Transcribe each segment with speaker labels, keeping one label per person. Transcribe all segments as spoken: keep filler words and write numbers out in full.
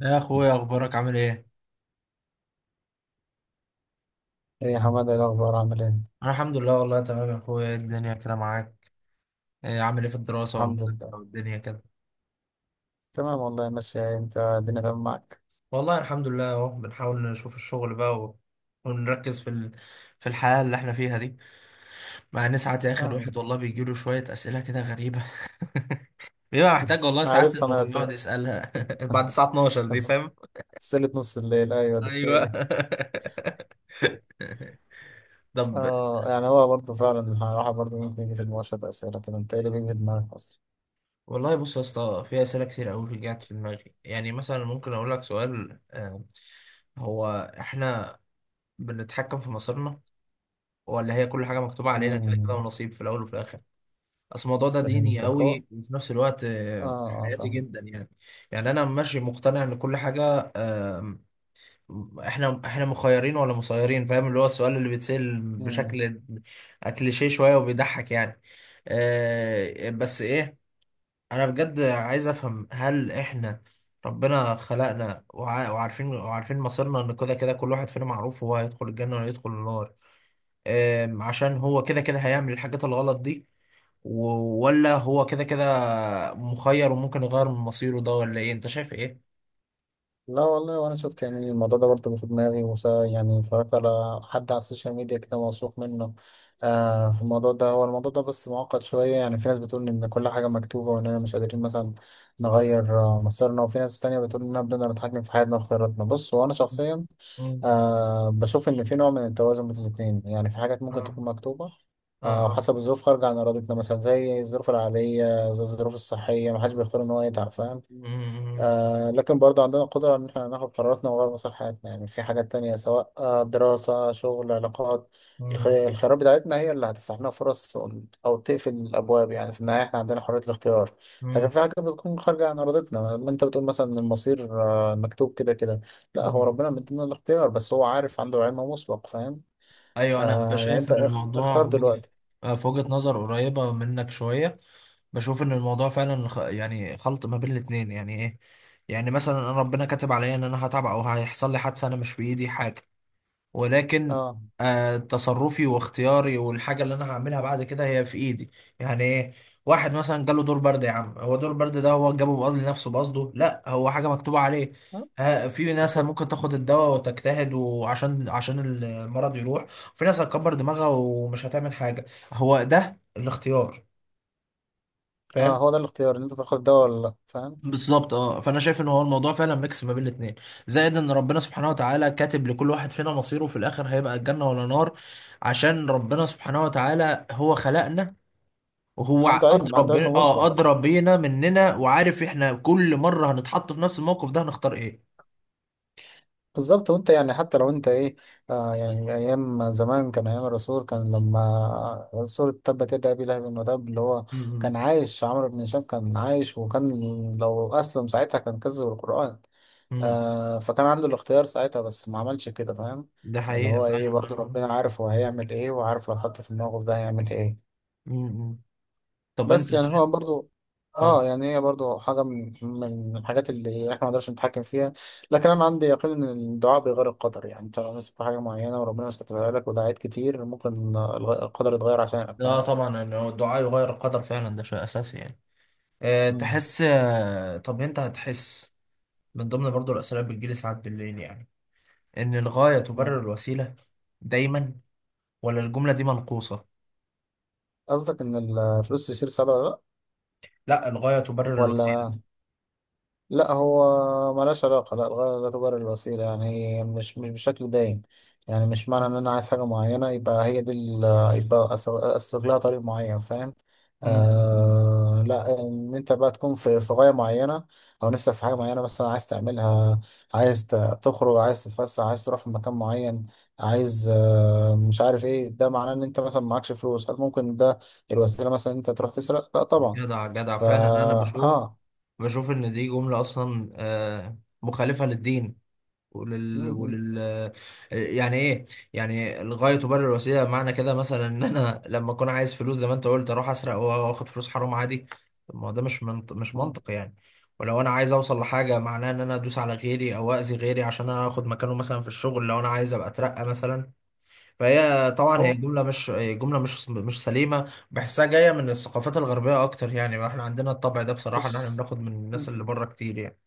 Speaker 1: يا اخويا اخبارك عامل ايه؟
Speaker 2: ايه يا حماده، ايه الاخبار، عامل ايه؟
Speaker 1: انا الحمد لله، والله تمام يا اخويا. إيه الدنيا كده معاك؟ إيه عامل ايه في الدراسه
Speaker 2: الحمد لله.
Speaker 1: والمذاكره والدنيا كده؟
Speaker 2: تمام والله، ماشي. انت الدنيا تمام معاك؟
Speaker 1: والله الحمد لله، اهو بنحاول نشوف الشغل بقى و... ونركز في ال... في الحياه اللي احنا فيها دي. مع ان ساعات يا اخي
Speaker 2: آه.
Speaker 1: الواحد والله بيجي له شويه اسئله كده غريبه. بيبقى محتاج والله ساعات
Speaker 2: عرفت
Speaker 1: انه
Speaker 2: انا
Speaker 1: يقعد
Speaker 2: سل-
Speaker 1: يسالها بعد الساعه اثنا عشر دي،
Speaker 2: بس
Speaker 1: فاهم؟
Speaker 2: سلة نص الليل، ايوه دي هي
Speaker 1: ايوه.
Speaker 2: دي.
Speaker 1: طب،
Speaker 2: اه يعني هو برضه فعلا الراحه، برضه ممكن يجي في المواشط اسئله كده، انت ايه اللي بيجي في دماغك اصلا؟
Speaker 1: والله بص يا اسطى، في اسئله كتير قوي رجعت في دماغي، يعني مثلا ممكن اقول لك سؤال، آه، هو احنا بنتحكم في مصيرنا، ولا هي كل حاجه مكتوبه علينا كده كده
Speaker 2: امم.
Speaker 1: ونصيب في الاول وفي الاخر؟ اصل الموضوع ده ديني
Speaker 2: فهمتك اهو.
Speaker 1: قوي، وفي نفس الوقت
Speaker 2: اه
Speaker 1: آه،
Speaker 2: اه
Speaker 1: حياتي
Speaker 2: فاهم.
Speaker 1: جدا يعني. يعني انا ماشي مقتنع ان كل حاجه، آه، احنا احنا مخيرين ولا مسيرين، فاهم؟ اللي هو السؤال اللي بيتسأل بشكل كليشيه شويه وبيضحك يعني. آه، بس ايه، انا بجد عايز افهم، هل احنا ربنا خلقنا وع- وعارفين وعارفين مصيرنا ان كده كده كل واحد فينا معروف هو هيدخل الجنة ولا هيدخل النار؟ أم، عشان هو كده كده هيعمل الحاجات الغلط دي، و- ولا هو كده كده مخير وممكن يغير من مصيره ده؟ ولا ايه، انت شايف ايه؟
Speaker 2: لا والله، وانا شفت يعني الموضوع ده برضه في دماغي وس- يعني اتفرجت على حد على السوشيال ميديا كده موثوق منه آه في الموضوع ده. هو الموضوع ده بس معقد شوية، يعني في ناس بتقول ان كل حاجة مكتوبة واننا مش قادرين مثلا نغير آه، مصيرنا، وفي ناس تانية بتقول اننا بدنا نتحكم في حياتنا واختياراتنا. بص وانا شخصيا
Speaker 1: مم.
Speaker 2: آه بشوف ان في نوع من التوازن بين الاتنين، يعني في حاجات ممكن
Speaker 1: اه
Speaker 2: تكون مكتوبة
Speaker 1: اه
Speaker 2: آه
Speaker 1: اه.
Speaker 2: وحسب الظروف خارجة عن إرادتنا، مثلا زي الظروف العائلية، زي الظروف الصحية، محدش بيختار إن هو يتعب، فاهم؟
Speaker 1: مم،
Speaker 2: آه لكن برضه عندنا قدرة إن إحنا ناخد قراراتنا وغير مصلحتنا، يعني في حاجات تانية سواء آه دراسة، شغل، علاقات. الخ-
Speaker 1: مم،
Speaker 2: الخيارات بتاعتنا هي اللي هتفتح لنا فرص أو تقفل الأبواب. يعني في النهاية إحنا عندنا حرية الاختيار، لكن
Speaker 1: مم،
Speaker 2: في حاجات بتكون خارجة عن إرادتنا. لما أنت بتقول مثلا إن المصير آه مكتوب كده كده، لا هو
Speaker 1: مم.
Speaker 2: ربنا مدينا الاختيار، بس هو عارف، عنده علم مسبق، فاهم؟
Speaker 1: ايوه، انا
Speaker 2: آه يعني
Speaker 1: بشايف
Speaker 2: أنت
Speaker 1: ان
Speaker 2: اخ-
Speaker 1: الموضوع
Speaker 2: اختار
Speaker 1: بوجه-
Speaker 2: دلوقتي.
Speaker 1: آه، في وجهة نظر قريبة منك شوية. بشوف ان الموضوع فعلا خ- يعني خلط ما بين الاتنين، يعني ايه؟ يعني مثلا انا ربنا كاتب عليا ان انا هتعب او هيحصل لي حادثة، انا مش بايدي حاجة، ولكن
Speaker 2: آه
Speaker 1: آه، تصرفي واختياري والحاجة اللي أنا هعملها بعد كده هي في إيدي، يعني إيه؟ واحد مثلا جاله دور برد، يا عم هو دور برد ده هو جابه بقصد لنفسه، بقصده، لا هو حاجة مكتوبة عليه.
Speaker 2: آه،
Speaker 1: ها- في ناس ممكن
Speaker 2: بالظبط.
Speaker 1: تاخد الدواء وتجتهد وعشان عشان المرض يروح، في ناس هتكبر دماغها ومش هتعمل حاجة. هو ده الاختيار،
Speaker 2: آه
Speaker 1: فاهم؟
Speaker 2: هو ده الاختيار إن أنت تاخد الدواء ولا لأ، فاهم؟
Speaker 1: بالظبط. اه، فانا شايف ان هو الموضوع فعلا ميكس ما بين الاثنين، زائد ان ربنا سبحانه وتعالى كاتب لكل واحد فينا مصيره في الاخر، هيبقى الجنه ولا نار. عشان ربنا سبحانه وتعالى هو خلقنا، وهو ع-
Speaker 2: عنده علم،
Speaker 1: ادرى
Speaker 2: عنده
Speaker 1: ب...
Speaker 2: علم
Speaker 1: اه
Speaker 2: مسبق.
Speaker 1: ادرى بينا مننا، وعارف احنا كل مره هنتحط في نفس الموقف ده هنختار ايه.
Speaker 2: بالظبط. وانت يعني حتى لو انت ايه آه، يعني ايام زمان كان، ايام الرسول كان، لما سورة تبت يدا ابي لهب وتب، اللي هو
Speaker 1: امم.
Speaker 2: كان عايش عمرو بن هشام، كان عايش، وكان لو اسلم ساعتها كان كذب القرآن.
Speaker 1: امم،
Speaker 2: آه فكان عنده الاختيار ساعتها بس ما عملش كده، فاهم؟
Speaker 1: ده
Speaker 2: اللي
Speaker 1: حقيقه
Speaker 2: هو ايه برضو،
Speaker 1: فعلا.
Speaker 2: ربنا عارف هو هيعمل ايه، وعارف لو حط في الموقف ده هيعمل ايه.
Speaker 1: امم. طب انت
Speaker 2: بس يعني هو
Speaker 1: شايف،
Speaker 2: برضو اه
Speaker 1: اه
Speaker 2: يعني هي برضو حاجة من من الحاجات اللي احنا ما نقدرش نتحكم فيها، لكن انا عندي يقين ان الدعاء بيغير القدر. يعني انت لو نفسك في حاجة معينة وربنا مش كاتبها لك ودعيت كتير، ممكن آه، الغ- القدر يتغير عشانك،
Speaker 1: لا
Speaker 2: فاهم؟
Speaker 1: طبعا ان هو الدعاء يغير القدر فعلا، ده شيء اساسي يعني. أه
Speaker 2: مم.
Speaker 1: تحس، آه، طب انت هتحس، من ضمن برضو الأسئلة اللي بتجيلي ساعات بالليل يعني، إن الغاية
Speaker 2: مم.
Speaker 1: تبرر الوسيلة دايما ولا الجملة دي منقوصة؟
Speaker 2: قصدك ان الفلوس تشتري السعادة ولا لا؟
Speaker 1: لا، الغاية تبرر الوسيلة.
Speaker 2: ولا لا، هو ملهاش علاقة. لا الغاية لا تبرر الوسيلة، يعني هي مش مش بشكل دايم. يعني مش معنى
Speaker 1: م-
Speaker 2: إن أنا عايز حاجة معينة يبقى هي دي ال- يبقى أسل- أسلك لها طريق معين، فاهم؟
Speaker 1: م- م.
Speaker 2: آه، لا إن أنت بقى تكون في في غاية معينة أو نفسك في حاجة معينة مثلا عايز تعملها. عايز ت- تخرج، عايز تتفسح، عايز تروح في مكان معين، عايز آه مش عارف إيه، ده معناه إن أنت مثلا معكش فلوس، هل ممكن ده الوسيلة مثلا إن أنت تروح تسرق؟ لا طبعا.
Speaker 1: جدع جدع
Speaker 2: فا
Speaker 1: فعلا. أنا بشوف،
Speaker 2: آه
Speaker 1: بشوف إن دي جملة أصلا آه، مخالفة للدين
Speaker 2: م-
Speaker 1: ولل...
Speaker 2: م-
Speaker 1: ولل يعني ايه. يعني الغاية تبرر الوسيلة معنى كده مثلا ان انا لما اكون عايز فلوس زي ما انت قلت اروح اسرق واخد فلوس حرام عادي. طب ما هو ده مش منط... مش
Speaker 2: م.
Speaker 1: منطق يعني. ولو انا عايز اوصل لحاجة، معناه ان انا ادوس على غيري او اذي غيري عشان انا اخد مكانه، مثلا في الشغل لو انا عايز ابقى اترقى مثلا. فهي طبعا هي
Speaker 2: هو
Speaker 1: جملة، مش جملة مش مش سليمة، بحسها جاية من الثقافات الغربية اكتر، يعني احنا عندنا الطبع ده بصراحة، ان احنا
Speaker 2: بص.
Speaker 1: بناخد من الناس اللي بره كتير يعني.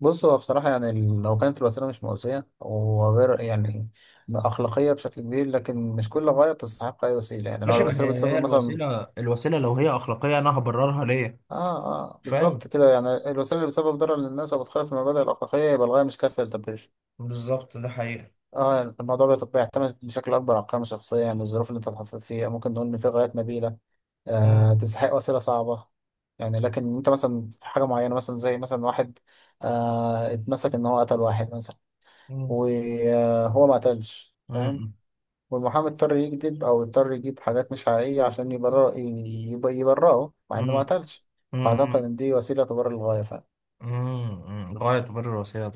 Speaker 2: بص هو بصراحة يعني ال- لو كانت الوسيلة مش مؤذية وغير يعني أخلاقية بشكل كبير، لكن مش كل غاية بتستحق أي وسيلة. يعني لو
Speaker 1: ماشي، ما
Speaker 2: الوسيلة
Speaker 1: هي هي
Speaker 2: بتسبب مثلا
Speaker 1: الوسيلة، الوسيلة لو هي أخلاقية أنا هبررها ليه؟
Speaker 2: آه آه
Speaker 1: فاهم،
Speaker 2: بالظبط كده. يعني الوسيلة اللي بتسبب ضرر للناس أو بتخالف المبادئ الأخلاقية يبقى الغاية مش كافية للتبرير.
Speaker 1: بالظبط، ده حقيقة.
Speaker 2: آه يعني الموضوع بيت- بيعتمد بشكل أكبر على القيم الشخصية. يعني الظروف اللي أنت اتحطيت فيها، ممكن نقول إن في غايات نبيلة
Speaker 1: مم.
Speaker 2: آه تستحق وسيلة صعبة. يعني لكن أنت مثلا حاجة معينة، مثلا زي مثلا واحد آه اتمسك إن هو قتل واحد مثلا،
Speaker 1: مم.
Speaker 2: وهو ما قتلش، فاهم؟
Speaker 1: مم.
Speaker 2: والمحامي اضطر يكذب او اضطر يجيب حاجات مش حقيقية عشان يبرر، يب- يبرره مع انه ما
Speaker 1: مم.
Speaker 2: قتلش. فاعتقد
Speaker 1: مم.
Speaker 2: ان دي وسيلة تبرر الغاية، فاهم؟
Speaker 1: مم. مم، غاية تبرر الوسيلة،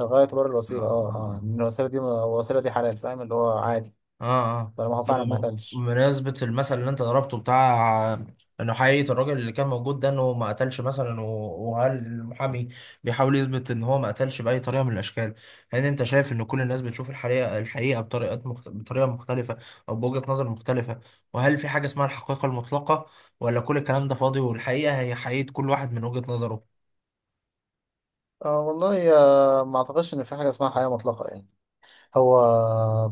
Speaker 2: الغاية تبرر الوسيلة، اه اه.
Speaker 1: توصل،
Speaker 2: ان الوسيلة دي، الوسيلة دي حلال، فاهم اللي هو عادي.
Speaker 1: اه اه.
Speaker 2: طالما هو فعلا ما
Speaker 1: طب
Speaker 2: قتلش.
Speaker 1: بمناسبة المثل اللي انت ضربته بتاع انه حقيقة الراجل اللي كان موجود ده انه ما قتلش مثلا، و- وهل المحامي بيحاول يثبت ان هو ما قتلش بأي طريقة من الاشكال؟ هل انت شايف ان كل
Speaker 2: م.
Speaker 1: الناس بتشوف الحقيقة، الحقيقة بطريقة مخت... بطريقة مختلفة او بوجهة نظر مختلفة؟ وهل في حاجة اسمها الحقيقة المطلقة، ولا كل الكلام ده فاضي والحقيقة هي حقيقة كل واحد من وجهة نظره؟
Speaker 2: آه والله، آه ما اعتقدش ان في حاجة اسمها حياة مطلقة، يعني هو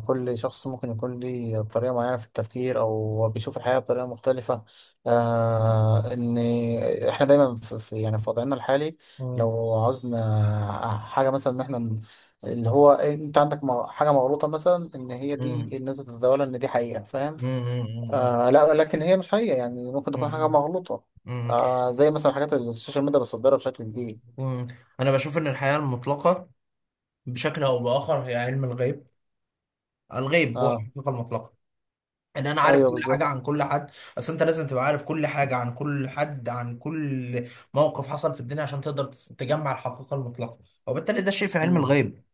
Speaker 2: كل شخص ممكن يكون ليه طريقة معينة في التفكير، أو هو بيشوف الحياة بطريقة مختلفة. آه إن إحنا دايما في في- يعني في وضعنا الحالي
Speaker 1: مم.
Speaker 2: لو عاوزنا حاجة مثلا إن إحنا ن- اللي هو أنت عندك مغ- حاجة مغلوطة، مثلا إن هي
Speaker 1: مم.
Speaker 2: دي الناس بتتداولها إن دي حقيقة، فاهم؟
Speaker 1: مم. مم. مم.
Speaker 2: آه لا لكن هي مش حقيقة، يعني ممكن تكون حاجة
Speaker 1: مم.
Speaker 2: مغلوطة.
Speaker 1: مم.
Speaker 2: آه زي مثلا حاجات السوشيال ميديا بتصدرها بشكل كبير.
Speaker 1: مم. انا بشوف ان الحقيقه المطلقه بشكل او باخر هي علم الغيب. الغيب هو
Speaker 2: اه
Speaker 1: الحقيقه المطلقه، ان انا عارف
Speaker 2: ايوه
Speaker 1: كل حاجه
Speaker 2: بالظبط.
Speaker 1: عن كل حد. اصل انت لازم تبقى عارف كل حاجه عن كل حد، عن كل موقف حصل في الدنيا، عشان تقدر تس- تجمع الحقيقه المطلقه، وبالتالي ده شيء في علم
Speaker 2: مم،
Speaker 1: الغيب،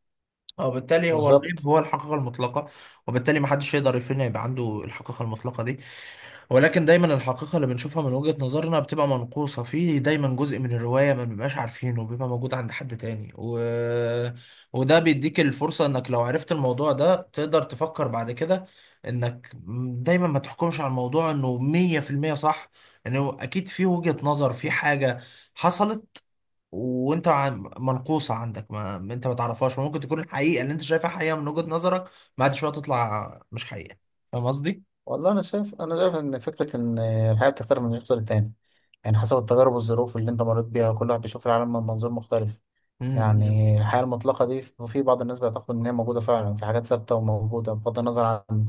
Speaker 1: وبالتالي هو الغيب
Speaker 2: بالظبط.
Speaker 1: هو الحقيقه المطلقه. وبالتالي ما حدش يقدر يفهم يبقى عنده الحقيقه المطلقه دي. ولكن دايما الحقيقة اللي بنشوفها من وجهة نظرنا بتبقى منقوصة، في دايما جزء من الرواية ما بنبقاش عارفينه، بيبقى موجود عند حد تاني، و... وده بيديك الفرصة انك لو عرفت الموضوع ده تقدر تفكر بعد كده، انك دايما ما تحكمش على الموضوع انه مية في المية صح، انه اكيد في وجهة نظر، في حاجة حصلت وانت عن- منقوصة عندك، ما انت ما تعرفهاش. ممكن تكون الحقيقة اللي انت شايفها حقيقة من وجهة نظرك، بعد شوية تطلع مش حقيقة، فاهم قصدي؟
Speaker 2: والله انا شايف، انا شايف ان فكره ان الحياه بتختلف من شخص للتاني، يعني حسب التجارب والظروف اللي انت مريت بيها كل واحد بيشوف العالم من منظور مختلف. يعني الحياه المطلقه دي، في بعض الناس بيعتقدوا ان هي موجوده فعلا في حاجات ثابته وموجوده بغض النظر عن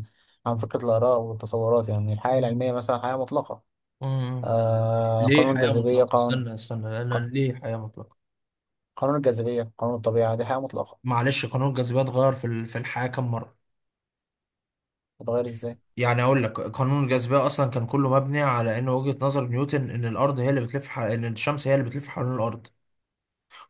Speaker 2: عن فكره الاراء والتصورات، يعني الحياه
Speaker 1: مم.
Speaker 2: العلميه مثلا حياه مطلقه.
Speaker 1: مم.
Speaker 2: آه
Speaker 1: ليه
Speaker 2: قانون
Speaker 1: حياة
Speaker 2: الجاذبيه،
Speaker 1: مطلقة؟
Speaker 2: قانون
Speaker 1: استنى استنى،
Speaker 2: ق-
Speaker 1: لأن ليه حياة مطلقة؟
Speaker 2: قانون الجاذبيه، قانون الطبيعه، دي حياه مطلقه.
Speaker 1: معلش، قانون الجاذبية اتغير في ال- في الحياة كم مرة؟
Speaker 2: تتغير ازاي؟
Speaker 1: يعني أقول لك قانون الجاذبية أصلا كان كله مبني على إن وجهة نظر نيوتن إن الأرض هي اللي بتلف ح... إن الشمس هي اللي بتلف حوالين الأرض،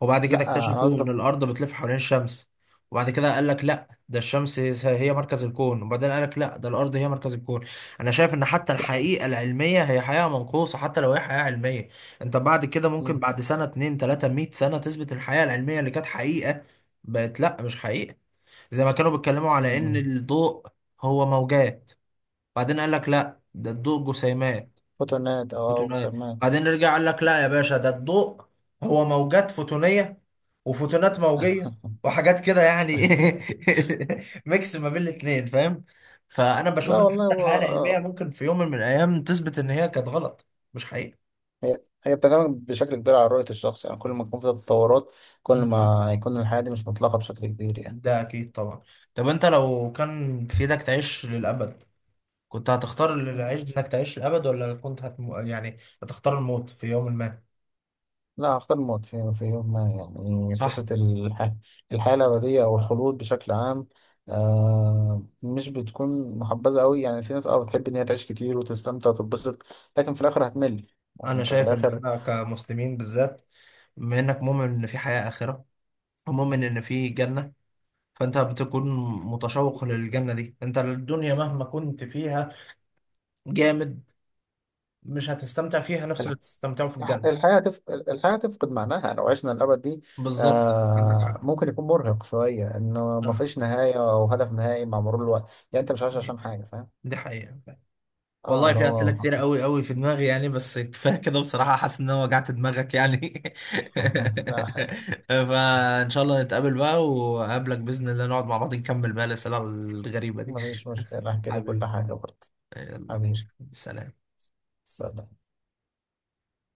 Speaker 1: وبعد
Speaker 2: لا
Speaker 1: كده
Speaker 2: انا
Speaker 1: اكتشفوا ان
Speaker 2: قصدك.
Speaker 1: الارض بتلف حوالين الشمس، وبعد كده قال لك لا ده الشمس هي مركز الكون، وبعدين قال لك لا ده الارض هي مركز الكون. انا شايف ان حتى
Speaker 2: لا.
Speaker 1: الحقيقه العلميه هي حقيقه منقوصه، حتى لو هي حقيقه علميه. انت بعد كده ممكن
Speaker 2: مم،
Speaker 1: بعد سنه اتنين تلاته مية سنه تثبت الحقيقه العلميه اللي كانت حقيقه، بقت لا مش حقيقه. زي ما كانوا بيتكلموا على ان
Speaker 2: مم،
Speaker 1: الضوء هو موجات، بعدين قال لك لا ده الضوء جسيمات،
Speaker 2: فوتونات او أو
Speaker 1: فوتونات،
Speaker 2: جسيمات.
Speaker 1: بعدين رجع قال لك لا يا باشا ده الضوء هو موجات فوتونية وفوتونات موجية وحاجات كده يعني. ميكس ما بين الاتنين، فاهم؟ فأنا
Speaker 2: لا
Speaker 1: بشوف إن
Speaker 2: والله
Speaker 1: حتى
Speaker 2: هو
Speaker 1: الحياة العلمية
Speaker 2: آه،
Speaker 1: ممكن في يوم من الأيام تثبت إن هي كانت غلط، مش حقيقة.
Speaker 2: هي هي بتعتمد بشكل كبير على رؤية الشخص، يعني كل ما يكون في تطورات كل
Speaker 1: مم.
Speaker 2: ما يكون الحياة دي مش مطلقة بشكل كبير، يعني.
Speaker 1: ده أكيد طبعا. طب أنت لو كان في إيدك تعيش للأبد، كنت هتختار
Speaker 2: مم.
Speaker 1: العيش إنك تعيش للأبد، ولا كنت هتم... يعني هتختار الموت في يوم ما؟
Speaker 2: لا هختار الموت في, في يوم ما. يعني
Speaker 1: صح؟
Speaker 2: فكرة الح... الحياة الأبدية أو الخلود بشكل عام آه مش بتكون محبذة أوي، يعني في ناس أه بتحب إن هي تعيش كتير وتستمتع وتتبسط، لكن في الآخر هتمل، يعني
Speaker 1: انا
Speaker 2: أنت في
Speaker 1: شايف ان
Speaker 2: الآخر.
Speaker 1: احنا كمسلمين بالذات، بما انك مؤمن ان في حياة آخرة ومؤمن
Speaker 2: مم.
Speaker 1: ان في جنة، فانت بتكون متشوق للجنة دي، انت الدنيا مهما كنت فيها جامد مش هتستمتع فيها نفس اللي تستمتعه في
Speaker 2: الح-
Speaker 1: الجنة.
Speaker 2: الحياة تف... الحياة تفقد معناها لو عشنا الأبد دي.
Speaker 1: بالظبط، عندك
Speaker 2: آه
Speaker 1: حق.
Speaker 2: ممكن يكون مرهق شوية إنه ما
Speaker 1: صح،
Speaker 2: فيش نهاية أو هدف نهائي مع مرور الوقت، يعني أنت مش عايش عشان حاجة، فاهم؟
Speaker 1: دي حقيقة.
Speaker 2: آه
Speaker 1: والله
Speaker 2: اللي
Speaker 1: في أسئلة
Speaker 2: هو
Speaker 1: كتير قوي قوي في دماغي يعني، بس كفاية كده بصراحة، حاسس إن أنا وجعت دماغك يعني.
Speaker 2: لا.
Speaker 1: فإن شاء الله نتقابل بقى وأقابلك بإذن الله نقعد مع بعض نكمل بقى الأسئلة الغريبة دي.
Speaker 2: ما فيش مشكلة، أحكي لك كل
Speaker 1: حبيبي،
Speaker 2: حاجة برضه.
Speaker 1: يلا،
Speaker 2: حبيبي.
Speaker 1: سلام.
Speaker 2: سلام.